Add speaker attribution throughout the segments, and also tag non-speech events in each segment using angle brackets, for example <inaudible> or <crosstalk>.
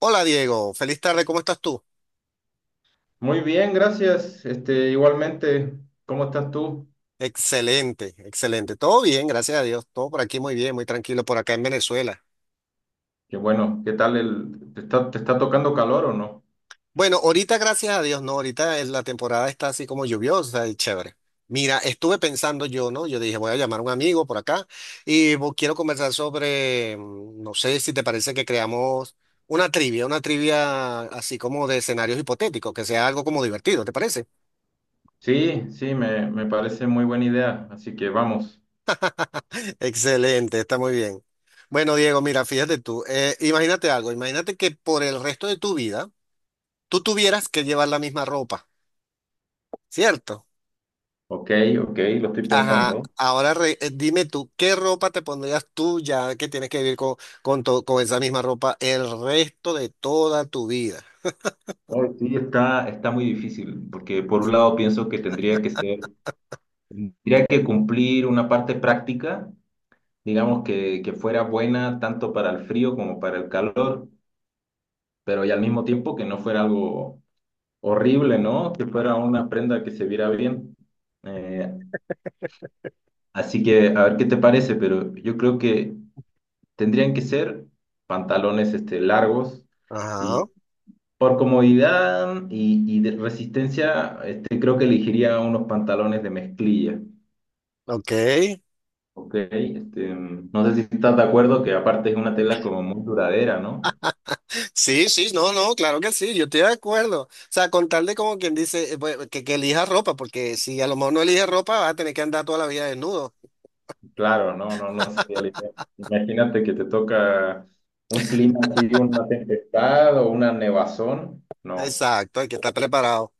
Speaker 1: Hola Diego, feliz tarde, ¿cómo estás tú?
Speaker 2: Muy bien, gracias. Igualmente, ¿cómo estás tú?
Speaker 1: Excelente, excelente. Todo bien, gracias a Dios. Todo por aquí muy bien, muy tranquilo, por acá en Venezuela.
Speaker 2: Qué bueno, ¿qué tal te está tocando calor o no?
Speaker 1: Bueno, ahorita gracias a Dios, no, ahorita en la temporada está así como lluviosa y chévere. Mira, estuve pensando yo, ¿no? Yo dije, voy a llamar a un amigo por acá y quiero conversar sobre, no sé si te parece que creamos una trivia así como de escenarios hipotéticos, que sea algo como divertido, ¿te parece?
Speaker 2: Sí, sí, me parece muy buena idea, así que vamos.
Speaker 1: Excelente, está muy bien. Bueno, Diego, mira, fíjate tú, imagínate algo, imagínate que por el resto de tu vida tú tuvieras que llevar la misma ropa, ¿cierto?
Speaker 2: Ok, ok, lo estoy
Speaker 1: Ajá,
Speaker 2: pensando.
Speaker 1: ahora dime tú, ¿qué ropa te pondrías tú ya que tienes que vivir con, con esa misma ropa el resto de toda tu vida?
Speaker 2: Ay, sí, está muy difícil, porque por un lado pienso que tendría que ser, tendría que cumplir una parte práctica, digamos que fuera buena tanto para el frío como para el calor, pero y al mismo tiempo que no fuera algo horrible, ¿no? Que fuera una prenda que se viera bien. Eh, Así que a ver qué te parece, pero yo creo que tendrían que ser pantalones largos
Speaker 1: Ajá,
Speaker 2: y por comodidad y de resistencia, creo que elegiría unos pantalones de mezclilla,
Speaker 1: ok.
Speaker 2: ¿ok? No sé si estás de acuerdo que aparte es una tela como muy duradera, ¿no?
Speaker 1: Sí, sí, no, no, claro que sí, yo estoy de acuerdo. O sea, con tal de como quien dice, pues, que elija ropa, porque si a lo mejor no elige ropa, vas a tener que andar toda la vida desnudo.
Speaker 2: Claro, no, no, no sabía la idea. Imagínate que te toca un clima así, una tempestad o una nevazón. No.
Speaker 1: Exacto, hay que estar preparado.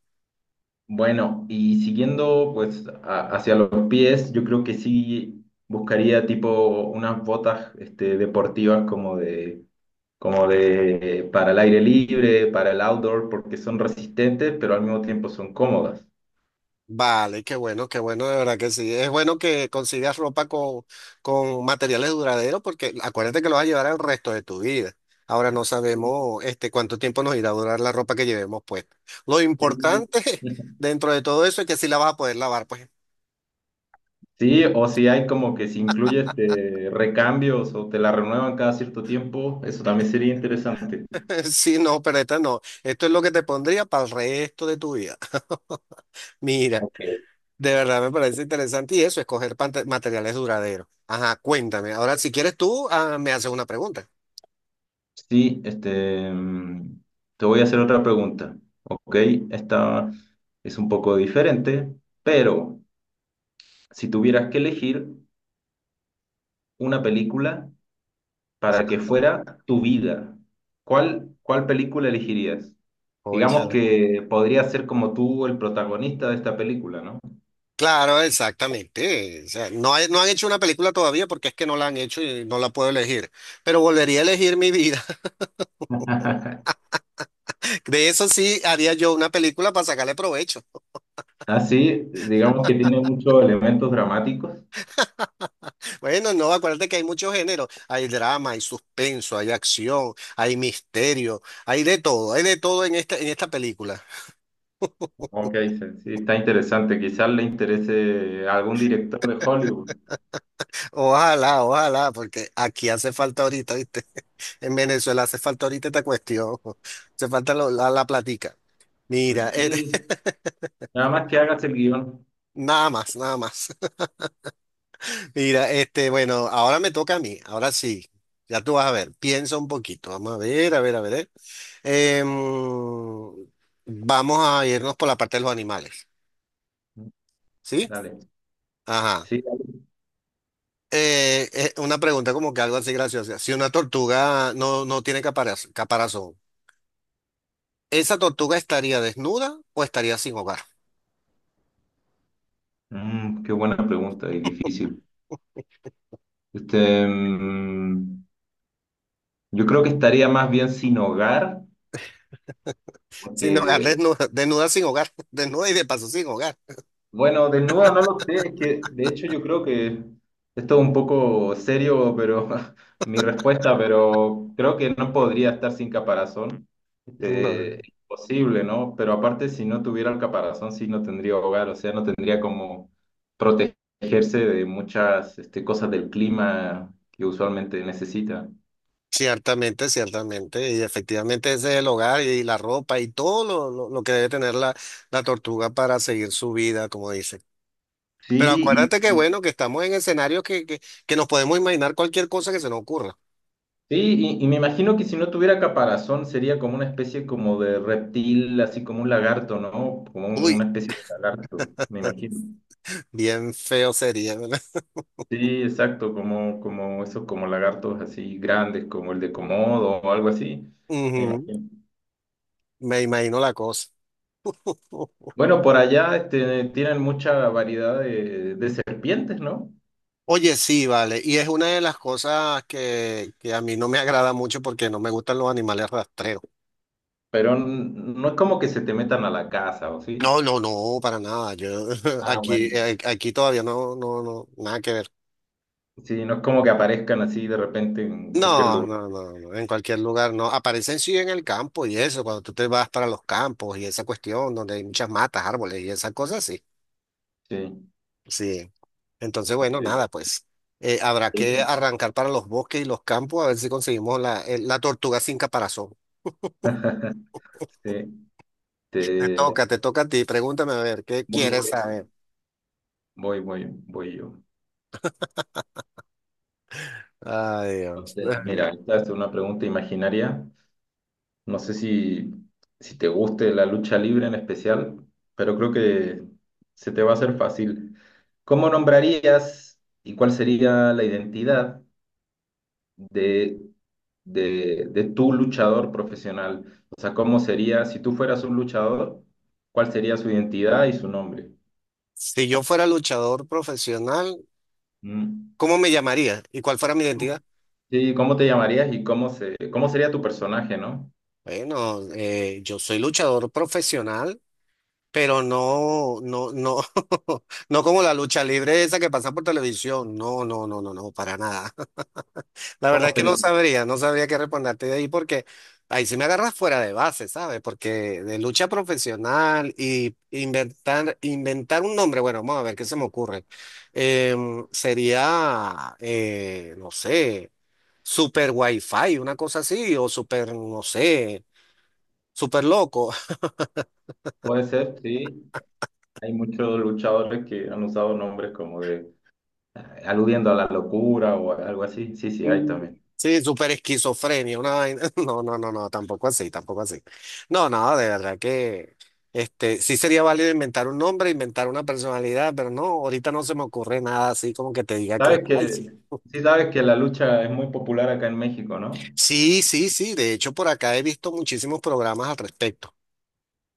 Speaker 2: Bueno, y siguiendo pues hacia los pies, yo creo que sí buscaría tipo unas botas deportivas como de para el aire libre, para el outdoor, porque son resistentes, pero al mismo tiempo son cómodas.
Speaker 1: Vale, qué bueno, de verdad que sí. Es bueno que consigas ropa con materiales duraderos porque acuérdate que lo vas a llevar el resto de tu vida. Ahora no sabemos este, cuánto tiempo nos irá a durar la ropa que llevemos puesta. Lo
Speaker 2: Sí.
Speaker 1: importante <laughs>
Speaker 2: <laughs>
Speaker 1: dentro de todo eso es que sí la vas a poder lavar, pues.
Speaker 2: Sí, o si hay como que si incluye recambios o te la renuevan cada cierto tiempo, eso también sería interesante.
Speaker 1: <laughs> Sí, no, pero esta no. Esto es lo que te pondría para el resto de tu vida. <laughs> Mira.
Speaker 2: Ok.
Speaker 1: De verdad me parece interesante y eso, escoger materiales duraderos. Ajá, cuéntame. Ahora, si quieres tú, ah, me haces una pregunta.
Speaker 2: Sí, te voy a hacer otra pregunta, ¿ok? Esta es un poco diferente, pero si tuvieras que elegir una película para
Speaker 1: Ah,
Speaker 2: que fuera tu vida, ¿cuál película elegirías? Digamos
Speaker 1: cónchale.
Speaker 2: que podría ser como tú el protagonista de esta película, ¿no?
Speaker 1: Claro, exactamente. O sea, no, no han hecho una película todavía porque es que no la han hecho y no la puedo elegir. Pero volvería a elegir mi vida.
Speaker 2: <laughs>
Speaker 1: <laughs> De eso sí haría yo una película para sacarle provecho.
Speaker 2: Ah, sí, digamos que tiene muchos elementos dramáticos.
Speaker 1: Bueno, no, acuérdate que hay muchos géneros. Hay drama, hay suspenso, hay acción, hay misterio, hay de todo en esta película.
Speaker 2: Ok, sí, sí, está interesante. Quizás le interese a algún director de Hollywood.
Speaker 1: Ojalá, ojalá, porque aquí hace falta ahorita, ¿viste? <laughs> En Venezuela hace falta ahorita esta cuestión. Hace falta la platica. Mira,
Speaker 2: Pues sí,
Speaker 1: <laughs>
Speaker 2: nada más que hagas el guión.
Speaker 1: nada más, nada más. <laughs> Mira, este, bueno, ahora me toca a mí, ahora sí. Ya tú vas a ver, piensa un poquito. Vamos a ver, a ver, a ver. Em, vamos a irnos por la parte de los animales, ¿sí?
Speaker 2: Dale.
Speaker 1: Ajá.
Speaker 2: Sí, dale.
Speaker 1: Una pregunta como que algo así graciosa. Si una tortuga no tiene caparazón, ¿esa tortuga estaría desnuda o estaría sin hogar?
Speaker 2: Mm, qué buena pregunta y difícil. Este, mm, yo creo que estaría más bien sin hogar,
Speaker 1: Sin hogar,
Speaker 2: porque...
Speaker 1: desnuda, desnuda sin hogar, <laughs> desnuda y de paso sin hogar.
Speaker 2: Bueno, desnuda no lo sé, es que de hecho yo creo que esto es un poco serio, pero <laughs> mi respuesta, pero creo que no podría estar sin caparazón.
Speaker 1: No.
Speaker 2: Imposible, ¿no? Pero aparte, si no tuviera el caparazón, sí, no tendría hogar, o sea, no tendría como protegerse de muchas cosas del clima que usualmente necesita.
Speaker 1: Ciertamente, ciertamente, y efectivamente ese es el hogar y la ropa y todo lo que debe tener la, la tortuga para seguir su vida, como dice. Pero
Speaker 2: Sí,
Speaker 1: acuérdate que bueno, que estamos en escenarios que nos podemos imaginar cualquier cosa que se nos ocurra.
Speaker 2: sí, y me imagino que si no tuviera caparazón sería como una especie como de reptil, así como un lagarto, ¿no? Como
Speaker 1: Uy,
Speaker 2: una especie de lagarto, me imagino.
Speaker 1: bien feo sería, ¿verdad?
Speaker 2: Sí, exacto, como esos como lagartos así grandes, como el de Komodo o algo así,
Speaker 1: <laughs>
Speaker 2: me
Speaker 1: Ujú,
Speaker 2: imagino.
Speaker 1: me imagino la cosa. <laughs>
Speaker 2: Bueno, por allá tienen mucha variedad de serpientes, ¿no?
Speaker 1: Oye, sí, vale. Y es una de las cosas que a mí no me agrada mucho porque no me gustan los animales rastreros.
Speaker 2: Pero no es como que se te metan a la casa, ¿o sí?
Speaker 1: No, no, no, para nada. Yo <laughs>
Speaker 2: Ah,
Speaker 1: aquí,
Speaker 2: bueno.
Speaker 1: aquí todavía no, no, no, nada que ver.
Speaker 2: Sí, no es como que aparezcan así de repente en cualquier
Speaker 1: No,
Speaker 2: lugar.
Speaker 1: no, no, no, en cualquier lugar no. Aparecen sí en el campo y eso, cuando tú te vas para los campos y esa cuestión donde hay muchas matas, árboles y esas cosas, sí.
Speaker 2: Sí,
Speaker 1: Sí. Entonces, bueno,
Speaker 2: ok.
Speaker 1: nada, pues habrá
Speaker 2: Sí.
Speaker 1: que arrancar para los bosques y los campos a ver si conseguimos la, la tortuga sin caparazón.
Speaker 2: <laughs> Sí, te...
Speaker 1: Toca, te toca a ti. Pregúntame a ver, ¿qué
Speaker 2: Voy,
Speaker 1: quieres
Speaker 2: voy,
Speaker 1: saber?
Speaker 2: voy yo.
Speaker 1: Ay, Dios.
Speaker 2: Entonces, mira,
Speaker 1: <laughs>
Speaker 2: esta es una pregunta imaginaria. No sé si te guste la lucha libre en especial, pero creo que se te va a hacer fácil. ¿Cómo nombrarías y cuál sería la identidad de, de tu luchador profesional? O sea, ¿cómo sería, si tú fueras un luchador, cuál sería su identidad y su nombre?
Speaker 1: Si yo fuera luchador profesional,
Speaker 2: Mm.
Speaker 1: ¿cómo me llamaría? ¿Y cuál fuera mi identidad?
Speaker 2: Sí, ¿cómo te llamarías y cómo sería tu personaje, ¿no?
Speaker 1: Bueno, yo soy luchador profesional, pero no, no, no, <laughs> no como la lucha libre esa que pasa por televisión. No, no, no, no, no, para nada. La verdad
Speaker 2: ¿Cómo
Speaker 1: es que no
Speaker 2: sería?
Speaker 1: sabría, no sabría qué responderte de ahí porque ahí sí me agarras fuera de base, ¿sabes? Porque de lucha profesional y inventar, inventar un nombre, bueno, vamos a ver qué se me ocurre. Sería, no sé, Super Wi-Fi, una cosa así, o Super, no sé, Super Loco.
Speaker 2: Puede ser, sí. Hay muchos luchadores que han usado nombres como de eh, aludiendo a la locura o algo así. Sí, sí, hay
Speaker 1: Mm,
Speaker 2: también.
Speaker 1: Sí, súper esquizofrenia, una vaina. <laughs> No, no, no, no, tampoco así, tampoco así. No, no, de verdad que este, sí sería válido inventar un nombre, inventar una personalidad, pero no, ahorita no se me ocurre nada así como que te diga que,
Speaker 2: Sabes
Speaker 1: ay,
Speaker 2: que,
Speaker 1: sí.
Speaker 2: sí sabes que la lucha es muy popular acá en México, ¿no?
Speaker 1: Sí, sí, sí, de hecho por acá he visto muchísimos programas al respecto.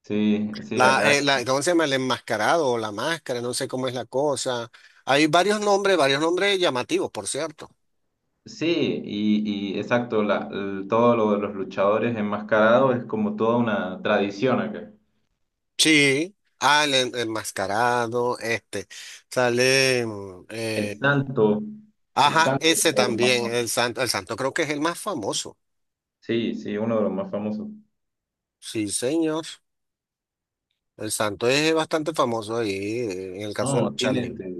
Speaker 2: Sí, sí, acá.
Speaker 1: La, ¿cómo se llama? El enmascarado o la máscara, no sé cómo es la cosa. Hay varios nombres llamativos, por cierto.
Speaker 2: Sí, y exacto, todo lo de los luchadores enmascarados es como toda una tradición acá.
Speaker 1: Sí, ah, el enmascarado, este, sale,
Speaker 2: El santo, el
Speaker 1: ajá,
Speaker 2: santo es
Speaker 1: ese
Speaker 2: uno de los más
Speaker 1: también,
Speaker 2: famosos.
Speaker 1: el santo creo que es el más famoso,
Speaker 2: Sí, sí, uno de los más famosos.
Speaker 1: sí, señor, el santo es bastante famoso ahí, en el caso de
Speaker 2: No,
Speaker 1: lucha
Speaker 2: tiene
Speaker 1: libre,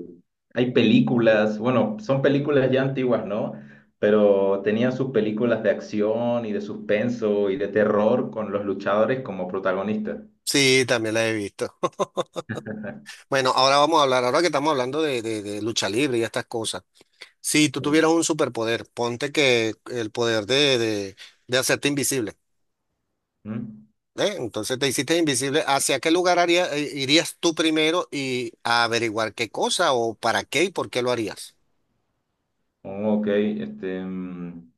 Speaker 2: hay películas, bueno, son películas ya antiguas, ¿no? Pero tenían sus películas de acción y de suspenso y de terror con los luchadores como protagonistas.
Speaker 1: sí, también la he visto, <laughs>
Speaker 2: <laughs>
Speaker 1: bueno, ahora vamos a hablar, ahora que estamos hablando de, de lucha libre y estas cosas, si tú
Speaker 2: Sí.
Speaker 1: tuvieras un superpoder, ponte que el poder de, de hacerte invisible.
Speaker 2: ¿Mm?
Speaker 1: ¿Eh? Entonces te hiciste invisible. ¿Hacia qué lugar irías tú primero y a averiguar qué cosa o para qué y por qué lo harías?
Speaker 2: Oh, ok,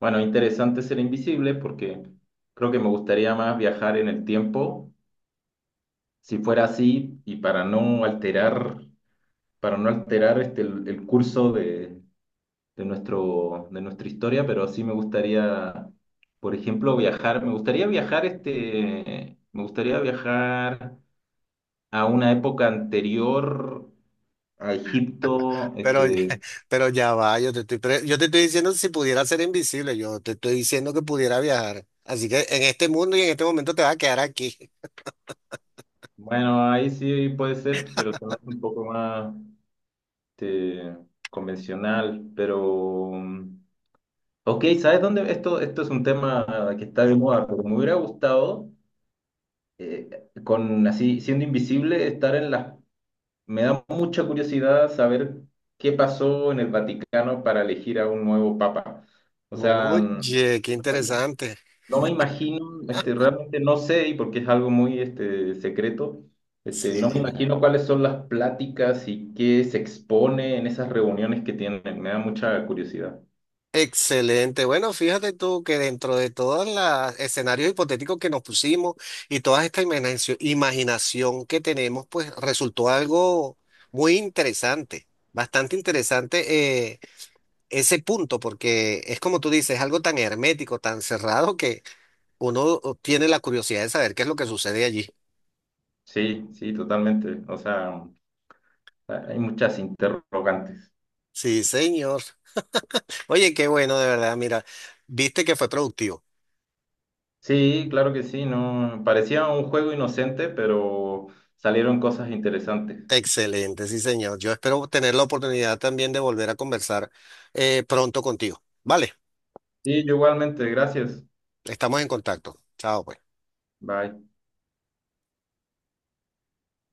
Speaker 2: bueno, interesante ser invisible porque creo que me gustaría más viajar en el tiempo, si fuera así, y para no alterar el curso de nuestro, de nuestra historia, pero sí me gustaría, por ejemplo, viajar. Me gustaría viajar me gustaría viajar a una época anterior a Egipto.
Speaker 1: Pero, <laughs> pero ya va, yo te estoy, yo te estoy diciendo si pudiera ser invisible, yo te estoy diciendo que pudiera viajar. Así que en este mundo y en este momento te vas a quedar aquí.
Speaker 2: Bueno, ahí sí puede ser, pero se me hace un poco más este, convencional. Pero, mm, ok, ¿sabes dónde? Esto es un tema que está de moda, pero me hubiera gustado con así siendo invisible, estar en las... Me da mucha curiosidad saber qué pasó en el Vaticano para elegir a un nuevo papa. O sea,
Speaker 1: Oye, qué
Speaker 2: me
Speaker 1: interesante.
Speaker 2: no me imagino, realmente no sé, y porque es algo muy secreto,
Speaker 1: Sí.
Speaker 2: no me imagino cuáles son las pláticas y qué se expone en esas reuniones que tienen. Me da mucha curiosidad.
Speaker 1: Excelente. Bueno, fíjate tú que dentro de todos los escenarios hipotéticos que nos pusimos y toda esta imaginación, imaginación que tenemos, pues resultó algo muy interesante, bastante interesante ese punto, porque es como tú dices, algo tan hermético, tan cerrado que uno tiene la curiosidad de saber qué es lo que sucede allí.
Speaker 2: Sí, sí, totalmente. O sea, hay muchas interrogantes.
Speaker 1: Sí, señor. Oye, qué bueno, de verdad, mira, viste que fue productivo.
Speaker 2: Sí, claro que sí, no, parecía un juego inocente, pero salieron cosas interesantes.
Speaker 1: Excelente, sí, señor. Yo espero tener la oportunidad también de volver a conversar pronto contigo. Vale,
Speaker 2: Sí, igualmente, gracias.
Speaker 1: estamos en contacto. Chao. Pues.
Speaker 2: Bye.